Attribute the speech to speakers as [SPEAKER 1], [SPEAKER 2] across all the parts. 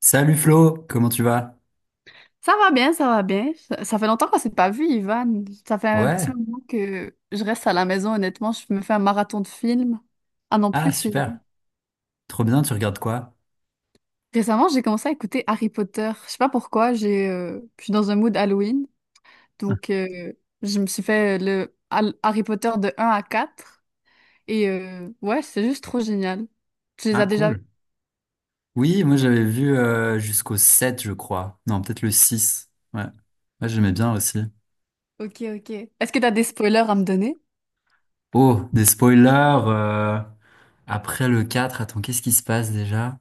[SPEAKER 1] Salut Flo, comment tu vas?
[SPEAKER 2] Ça va bien, ça va bien. Ça fait longtemps qu'on s'est pas vu, Ivan. Ça fait un petit
[SPEAKER 1] Ouais,
[SPEAKER 2] moment que je reste à la maison, honnêtement. Je me fais un marathon de films. Ah non,
[SPEAKER 1] ah
[SPEAKER 2] plus fini.
[SPEAKER 1] super, trop bien, tu regardes quoi?
[SPEAKER 2] Récemment, j'ai commencé à écouter Harry Potter. Je sais pas pourquoi, j'ai, je suis dans un mood Halloween. Donc, je me suis fait le Harry Potter de un à 4. Et ouais, c'est juste trop génial. Tu les
[SPEAKER 1] Ah
[SPEAKER 2] as déjà
[SPEAKER 1] cool. Oui, moi j'avais vu jusqu'au 7, je crois, non peut-être le 6. Ouais, ouais, j'aimais bien aussi.
[SPEAKER 2] ok, ok. Est-ce que t'as des spoilers à me donner?
[SPEAKER 1] Oh, des spoilers, après le 4, attends qu'est-ce qui se passe déjà?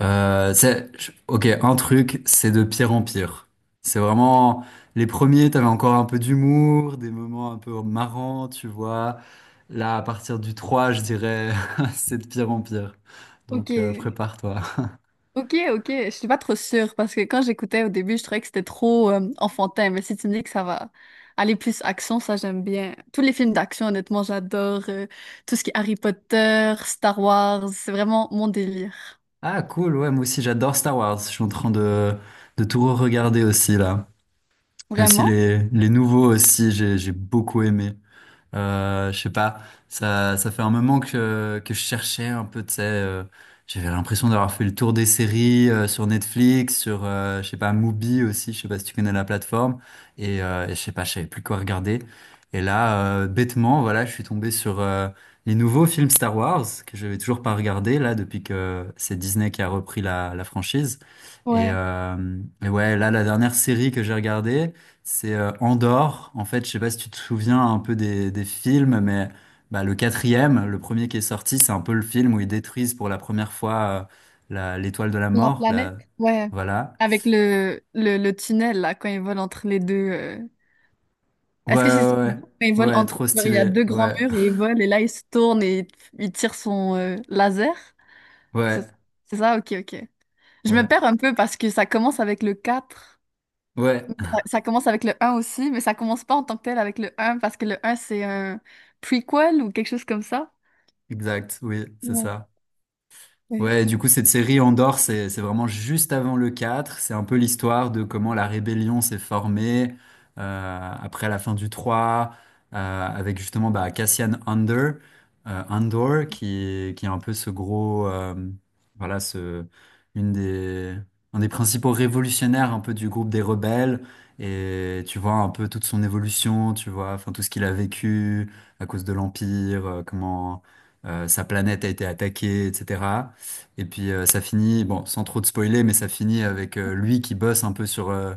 [SPEAKER 1] C'est, ok, un truc, c'est de pire en pire. C'est vraiment, les premiers t'avais encore un peu d'humour, des moments un peu marrants, tu vois. Là à partir du 3, je dirais, c'est de pire en pire.
[SPEAKER 2] Ok,
[SPEAKER 1] Prépare-toi.
[SPEAKER 2] ok, ok. Je suis pas trop sûre parce que quand j'écoutais au début, je trouvais que c'était trop enfantin. Mais si tu me dis que ça va aller plus action, ça j'aime bien. Tous les films d'action, honnêtement, j'adore. Tout ce qui est Harry Potter, Star Wars, c'est vraiment mon délire.
[SPEAKER 1] Ah cool, ouais, moi aussi j'adore Star Wars. Je suis en train de tout regarder aussi là. Et aussi
[SPEAKER 2] Vraiment?
[SPEAKER 1] les nouveaux aussi, j'ai beaucoup aimé. Je sais pas, ça fait un moment que je cherchais un peu, tu sais, j'avais l'impression d'avoir fait le tour des séries sur Netflix, sur, je sais pas, Mubi aussi, je sais pas si tu connais la plateforme, et je sais pas, je savais plus quoi regarder. Et là, bêtement, voilà, je suis tombé sur les nouveaux films Star Wars, que j'avais toujours pas regardé, là, depuis que c'est Disney qui a repris la, la franchise.
[SPEAKER 2] Ouais.
[SPEAKER 1] Et ouais, là, la dernière série que j'ai regardée, c'est Andorre. En fait, je sais pas si tu te souviens un peu des films, mais bah, le quatrième, le premier qui est sorti, c'est un peu le film où ils détruisent pour la première fois l'étoile de la
[SPEAKER 2] La
[SPEAKER 1] mort. Là.
[SPEAKER 2] planète? Ouais.
[SPEAKER 1] Voilà.
[SPEAKER 2] Avec le tunnel, là, quand ils volent entre les deux.
[SPEAKER 1] Ouais,
[SPEAKER 2] Est-ce que c'est ça
[SPEAKER 1] ouais,
[SPEAKER 2] qu'ils
[SPEAKER 1] ouais.
[SPEAKER 2] font quand ils volent
[SPEAKER 1] Ouais,
[SPEAKER 2] entre
[SPEAKER 1] trop
[SPEAKER 2] genre il y a
[SPEAKER 1] stylé.
[SPEAKER 2] deux grands
[SPEAKER 1] Ouais,
[SPEAKER 2] murs et ils volent, et là, ils se tournent et ils tirent son laser? C'est
[SPEAKER 1] ouais,
[SPEAKER 2] c'est ça? Ok, ok. Je me
[SPEAKER 1] ouais,
[SPEAKER 2] perds un peu parce que ça commence avec le 4.
[SPEAKER 1] ouais.
[SPEAKER 2] Ça commence avec le un aussi, mais ça commence pas en tant que tel avec le un parce que le un c'est un prequel ou quelque chose comme ça.
[SPEAKER 1] Exact, oui, c'est
[SPEAKER 2] Ouais.
[SPEAKER 1] ça.
[SPEAKER 2] Ouais.
[SPEAKER 1] Ouais, du coup, cette série Andorre, c'est vraiment juste avant le 4. C'est un peu l'histoire de comment la rébellion s'est formée après la fin du 3, avec justement bah, Cassian Andor, Andor qui est un peu ce gros, voilà, ce, une des, un des principaux révolutionnaires un peu du groupe des rebelles. Et tu vois un peu toute son évolution, tu vois, enfin tout ce qu'il a vécu à cause de l'Empire, comment sa planète a été attaquée, etc. Et puis ça finit, bon, sans trop de spoiler, mais ça finit avec lui qui bosse un peu sur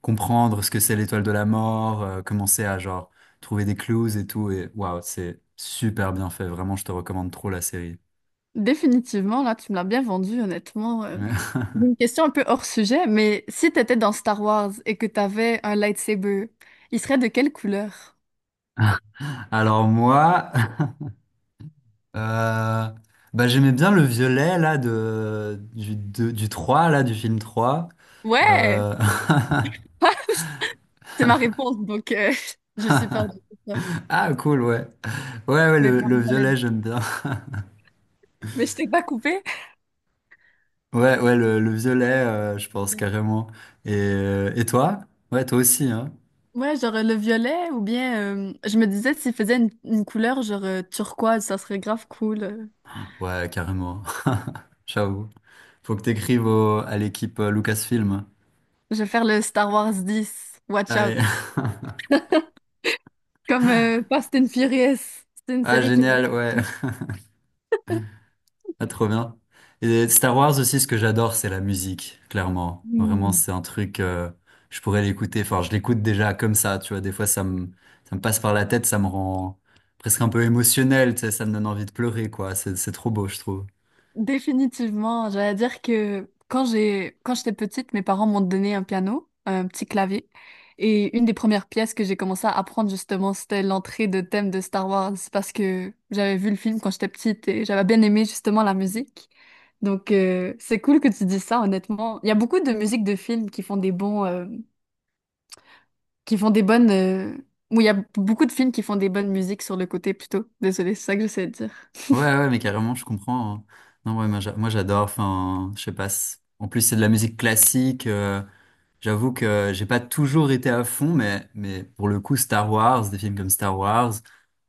[SPEAKER 1] comprendre ce que c'est l'étoile de la mort, commencer à genre trouver des clues et tout. Et waouh, c'est super bien fait. Vraiment, je te recommande trop la série.
[SPEAKER 2] Définitivement, là, tu me l'as bien vendu, honnêtement.
[SPEAKER 1] Ouais.
[SPEAKER 2] J'ai une question un peu hors sujet, mais si t'étais dans Star Wars et que t'avais un lightsaber, il serait de quelle couleur?
[SPEAKER 1] Alors moi, euh, bah, j'aimais bien le violet là de, du 3 là, du film 3.
[SPEAKER 2] Ouais!
[SPEAKER 1] Euh,
[SPEAKER 2] C'est ma réponse, donc je suis pas en doute.
[SPEAKER 1] Ah cool, ouais. Ouais, ouais,
[SPEAKER 2] Mais
[SPEAKER 1] le
[SPEAKER 2] pardon, t'allais
[SPEAKER 1] violet,
[SPEAKER 2] dire.
[SPEAKER 1] j'aime bien.
[SPEAKER 2] Mais je t'ai pas coupé.
[SPEAKER 1] Ouais, ouais, le violet, je pense carrément. Et toi? Ouais, toi aussi, hein?
[SPEAKER 2] Ouais, genre le violet ou bien je me disais s'il faisait une couleur genre turquoise, ça serait grave cool.
[SPEAKER 1] Ouais, carrément. Ciao. Faut que à l'équipe Lucasfilm.
[SPEAKER 2] Je vais faire le Star Wars 10. Watch out.
[SPEAKER 1] Allez.
[SPEAKER 2] Comme Fast and Furious. C'est une
[SPEAKER 1] Ah,
[SPEAKER 2] série qui m'a
[SPEAKER 1] génial, ouais. Ah, trop bien. Et Star Wars aussi, ce que j'adore, c'est la musique, clairement. Vraiment, c'est un truc, je pourrais l'écouter. Enfin, je l'écoute déjà comme ça, tu vois. Des fois, ça me passe par la tête, ça me rend presque un peu émotionnel, tu sais, ça me donne envie de pleurer, quoi. C'est trop beau, je trouve.
[SPEAKER 2] Définitivement, j'allais dire que quand j'étais petite, mes parents m'ont donné un piano, un petit clavier, et une des premières pièces que j'ai commencé à apprendre justement, c'était l'entrée de thème de Star Wars parce que j'avais vu le film quand j'étais petite et j'avais bien aimé justement la musique. Donc c'est cool que tu dis ça, honnêtement. Il y a beaucoup de musiques de films qui font des qui font des ou il y a beaucoup de films qui font des bonnes musiques sur le côté plutôt. Désolée, c'est ça que j'essaie de dire.
[SPEAKER 1] Ouais, ouais, mais carrément, je comprends, hein. Non, ouais, moi, j'adore. Enfin, je sais pas. En plus, c'est de la musique classique. J'avoue que j'ai pas toujours été à fond, mais pour le coup, Star Wars, des films comme Star Wars,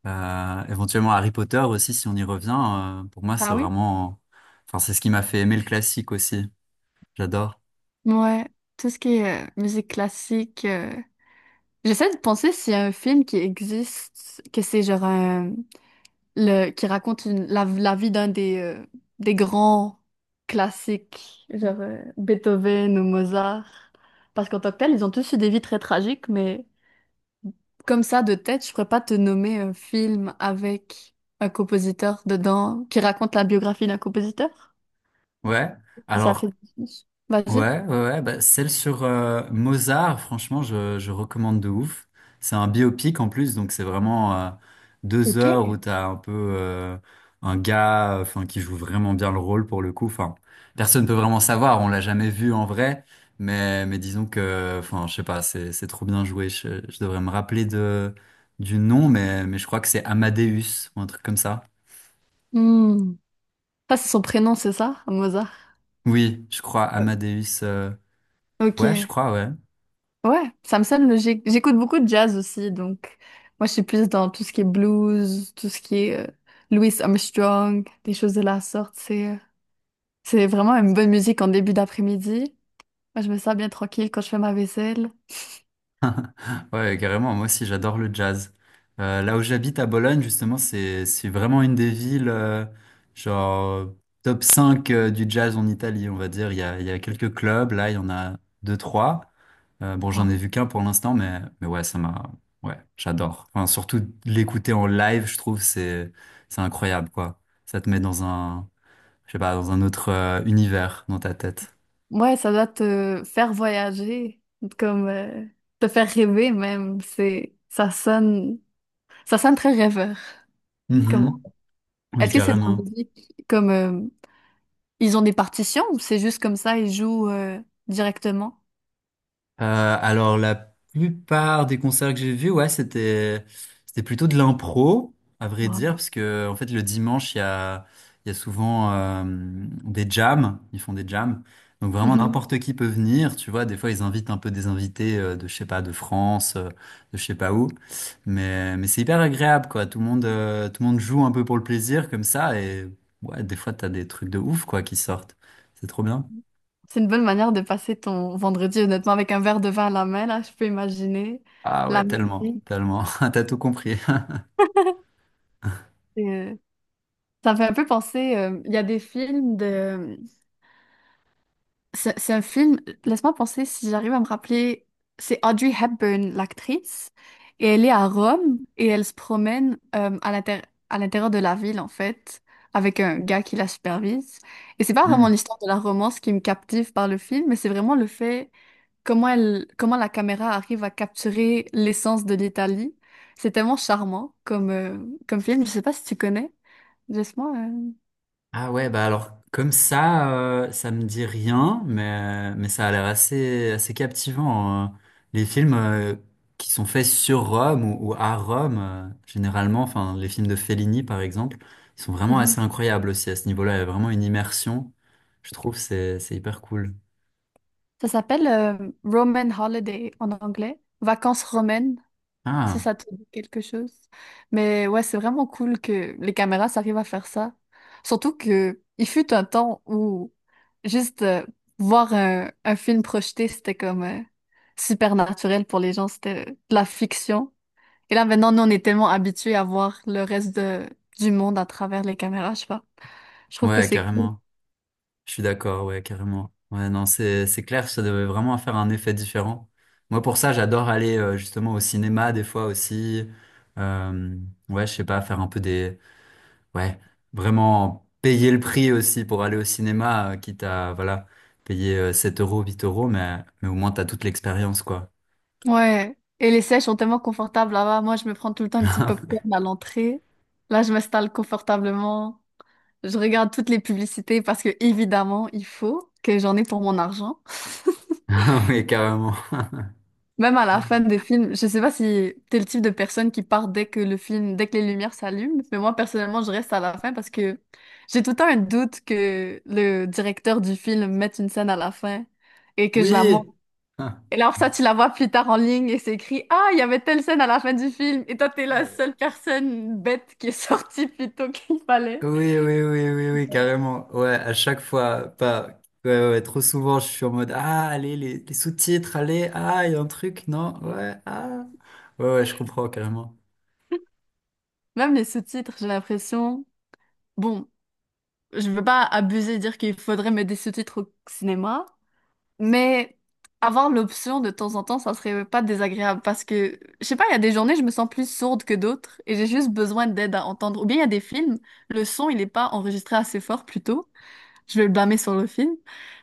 [SPEAKER 1] éventuellement Harry Potter aussi, si on y revient, pour moi, c'est
[SPEAKER 2] Ah oui?
[SPEAKER 1] vraiment, enfin, c'est ce qui m'a fait aimer le classique aussi. J'adore.
[SPEAKER 2] Ouais, tout ce qui est musique classique. J'essaie de penser s'il y a un film qui existe, que c'est genre un le qui raconte la vie d'un des grands classiques, genre Beethoven ou Mozart. Parce qu'en tant que tel, ils ont tous eu des vies très tragiques, mais comme ça, de tête, je pourrais pas te nommer un film avec un compositeur dedans qui raconte la biographie d'un compositeur.
[SPEAKER 1] Ouais.
[SPEAKER 2] Si ça fait
[SPEAKER 1] Alors,
[SPEAKER 2] du sens. Vas-y.
[SPEAKER 1] ouais, ouais, ouais, bah, celle sur Mozart, franchement, je recommande de ouf. C'est un biopic en plus, donc c'est vraiment deux
[SPEAKER 2] Ok.
[SPEAKER 1] heures où t'as un peu un gars, enfin, qui joue vraiment bien le rôle pour le coup. Enfin, personne peut vraiment savoir, on l'a jamais vu en vrai, mais disons que, enfin, je sais pas, c'est trop bien joué. Je devrais me rappeler de du nom, mais je crois que c'est Amadeus ou un truc comme ça.
[SPEAKER 2] Hmm. Ça, c'est son prénom, c'est ça, Mozart?
[SPEAKER 1] Oui, je crois
[SPEAKER 2] Euh,
[SPEAKER 1] Amadeus.
[SPEAKER 2] Ok.
[SPEAKER 1] Ouais, je crois, ouais.
[SPEAKER 2] Ouais, ça me sonne logique. J'écoute beaucoup de jazz aussi, donc moi, je suis plus dans tout ce qui est blues, tout ce qui est Louis Armstrong, des choses de la sorte. C'est vraiment une bonne musique en début d'après-midi. Moi, je me sens bien tranquille quand je fais ma vaisselle.
[SPEAKER 1] Ouais, carrément. Moi aussi, j'adore le jazz. Là où j'habite à Bologne, justement, c'est vraiment une des villes genre top 5 du jazz en Italie, on va dire. Il y a quelques clubs. Là, il y en a deux, trois. Bon,
[SPEAKER 2] Ouais,
[SPEAKER 1] j'en ai vu qu'un pour l'instant, mais ouais, ça m'a ouais, j'adore. Enfin, surtout l'écouter en live, je trouve c'est incroyable quoi. Ça te met dans un je sais pas dans un autre univers dans ta tête.
[SPEAKER 2] ouais, ça doit te faire voyager, comme te faire rêver même. C'est ça sonne très rêveur. Comment?
[SPEAKER 1] Mhm. Oui,
[SPEAKER 2] Est-ce que c'est de la
[SPEAKER 1] carrément.
[SPEAKER 2] musique comme ils ont des partitions ou c'est juste comme ça, ils jouent directement?
[SPEAKER 1] Euh, alors la plupart des concerts que j'ai vus, ouais, c'était plutôt de l'impro, à vrai dire,
[SPEAKER 2] Wow.
[SPEAKER 1] parce que en fait le dimanche il y a souvent des jams, ils font des jams, donc vraiment
[SPEAKER 2] Mhm.
[SPEAKER 1] n'importe qui peut venir, tu vois. Des fois ils invitent un peu des invités de je sais pas de France, de je sais pas où, mais c'est hyper agréable quoi. Tout le monde joue un peu pour le plaisir comme ça et ouais, des fois t'as des trucs de ouf quoi qui sortent, c'est trop bien.
[SPEAKER 2] C'est une bonne manière de passer ton vendredi, honnêtement, avec un verre de vin à la main, là, je peux imaginer.
[SPEAKER 1] Ah
[SPEAKER 2] La
[SPEAKER 1] ouais, tellement,
[SPEAKER 2] musique,
[SPEAKER 1] tellement, t'as tout compris.
[SPEAKER 2] euh, ça me fait un peu penser, il y a des films de c'est un film, laisse-moi penser si j'arrive à me rappeler. C'est Audrey Hepburn, l'actrice, et elle est à Rome et elle se promène à l'intérieur de la ville, en fait, avec un gars qui la supervise. Et c'est pas vraiment l'histoire de la romance qui me captive par le film, mais c'est vraiment le fait comment elle, comment la caméra arrive à capturer l'essence de l'Italie. C'est tellement charmant comme comme film. Je sais pas si tu connais. Laisse-moi.
[SPEAKER 1] Ah ouais, bah alors comme ça, ça me dit rien, mais ça a l'air assez, assez captivant. Euh. Les films qui sont faits sur Rome ou à Rome, généralement, enfin les films de Fellini par exemple, ils sont
[SPEAKER 2] euh,
[SPEAKER 1] vraiment assez incroyables aussi à ce niveau-là. Il y a vraiment une immersion, je trouve, c'est hyper cool.
[SPEAKER 2] Ça s'appelle Roman Holiday en anglais, vacances romaines, si
[SPEAKER 1] Ah
[SPEAKER 2] ça te dit quelque chose. Mais ouais, c'est vraiment cool que les caméras s'arrivent à faire ça. Surtout que il fut un temps où juste voir un film projeté, c'était comme super naturel pour les gens, c'était de la fiction. Et là maintenant, nous, on est tellement habitués à voir le du monde à travers les caméras, je sais pas. Je trouve que
[SPEAKER 1] ouais,
[SPEAKER 2] c'est cool.
[SPEAKER 1] carrément. Je suis d'accord, ouais, carrément. Ouais, non, c'est clair, ça devait vraiment faire un effet différent. Moi, pour ça, j'adore aller justement au cinéma des fois aussi. Euh, ouais, je sais pas, faire un peu des, ouais, vraiment payer le prix aussi pour aller au cinéma, quitte à voilà payer 7 euros, 8 euros, mais au moins t'as toute l'expérience, quoi.
[SPEAKER 2] Ouais. Et les sièges sont tellement confortables là-bas. Moi, je me prends tout le temps un petit popcorn à l'entrée. Là, je m'installe confortablement. Je regarde toutes les publicités parce que, évidemment, il faut que j'en ai pour mon argent.
[SPEAKER 1] Oui, carrément.
[SPEAKER 2] Même à la fin des films, je sais pas si t'es le type de personne qui part dès que le film, dès que les lumières s'allument, mais moi, personnellement, je reste à la fin parce que j'ai tout le temps un doute que le directeur du film mette une scène à la fin et que je la monte.
[SPEAKER 1] Oui.
[SPEAKER 2] Et là, alors ça, tu la vois plus tard en ligne et c'est écrit, ah, il y avait telle scène à la fin du film. Et toi, t'es la seule personne bête qui est sortie plus tôt qu'il fallait.
[SPEAKER 1] Oui, oui, oui, oui, oui, carrément. Ouais, à chaque fois, pas, ouais, ouais, ouais, trop souvent, je suis en mode, ah, allez, les sous-titres, allez, ah, il y a un truc, non, ouais, ah. Ouais, ouais, je comprends carrément.
[SPEAKER 2] Même les sous-titres, j'ai l'impression. Bon, je veux pas abuser et dire qu'il faudrait mettre des sous-titres au cinéma, mais avoir l'option de temps en temps, ça serait pas désagréable parce que, je sais pas, il y a des journées, je me sens plus sourde que d'autres et j'ai juste besoin d'aide à entendre. Ou bien il y a des films, le son, il est pas enregistré assez fort plutôt. Je vais le blâmer sur le film.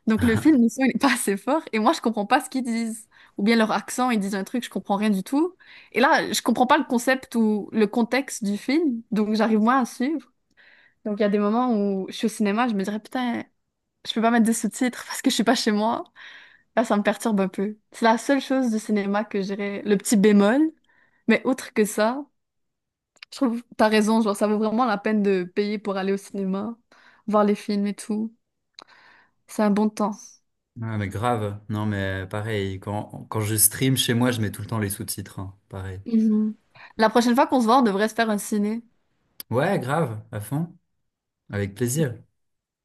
[SPEAKER 2] Donc le film, le son, il n'est pas assez fort. Et moi, je comprends pas ce qu'ils disent. Ou bien leur accent, ils disent un truc, je comprends rien du tout. Et là, je comprends pas le concept ou le contexte du film. Donc j'arrive moins à suivre. Donc il y a des moments où je suis au cinéma, je me dirais, putain, je peux pas mettre des sous-titres parce que je suis pas chez moi. Là, ça me perturbe un peu. C'est la seule chose du cinéma que je dirais, le petit bémol. Mais outre que ça, je trouve, t'as raison, genre, ça vaut vraiment la peine de payer pour aller au cinéma, voir les films et tout. C'est un bon temps.
[SPEAKER 1] Ah, mais grave. Non, mais pareil, quand, quand je stream chez moi, je mets tout le temps les sous-titres, hein, pareil.
[SPEAKER 2] Mhm. La prochaine fois qu'on se voit, on devrait se faire un ciné.
[SPEAKER 1] Ouais, grave, à fond, avec plaisir.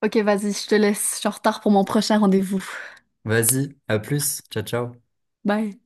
[SPEAKER 2] Ok, vas-y, je te laisse. Je suis en retard pour mon prochain rendez-vous.
[SPEAKER 1] Vas-y, à plus, ciao, ciao.
[SPEAKER 2] Bye.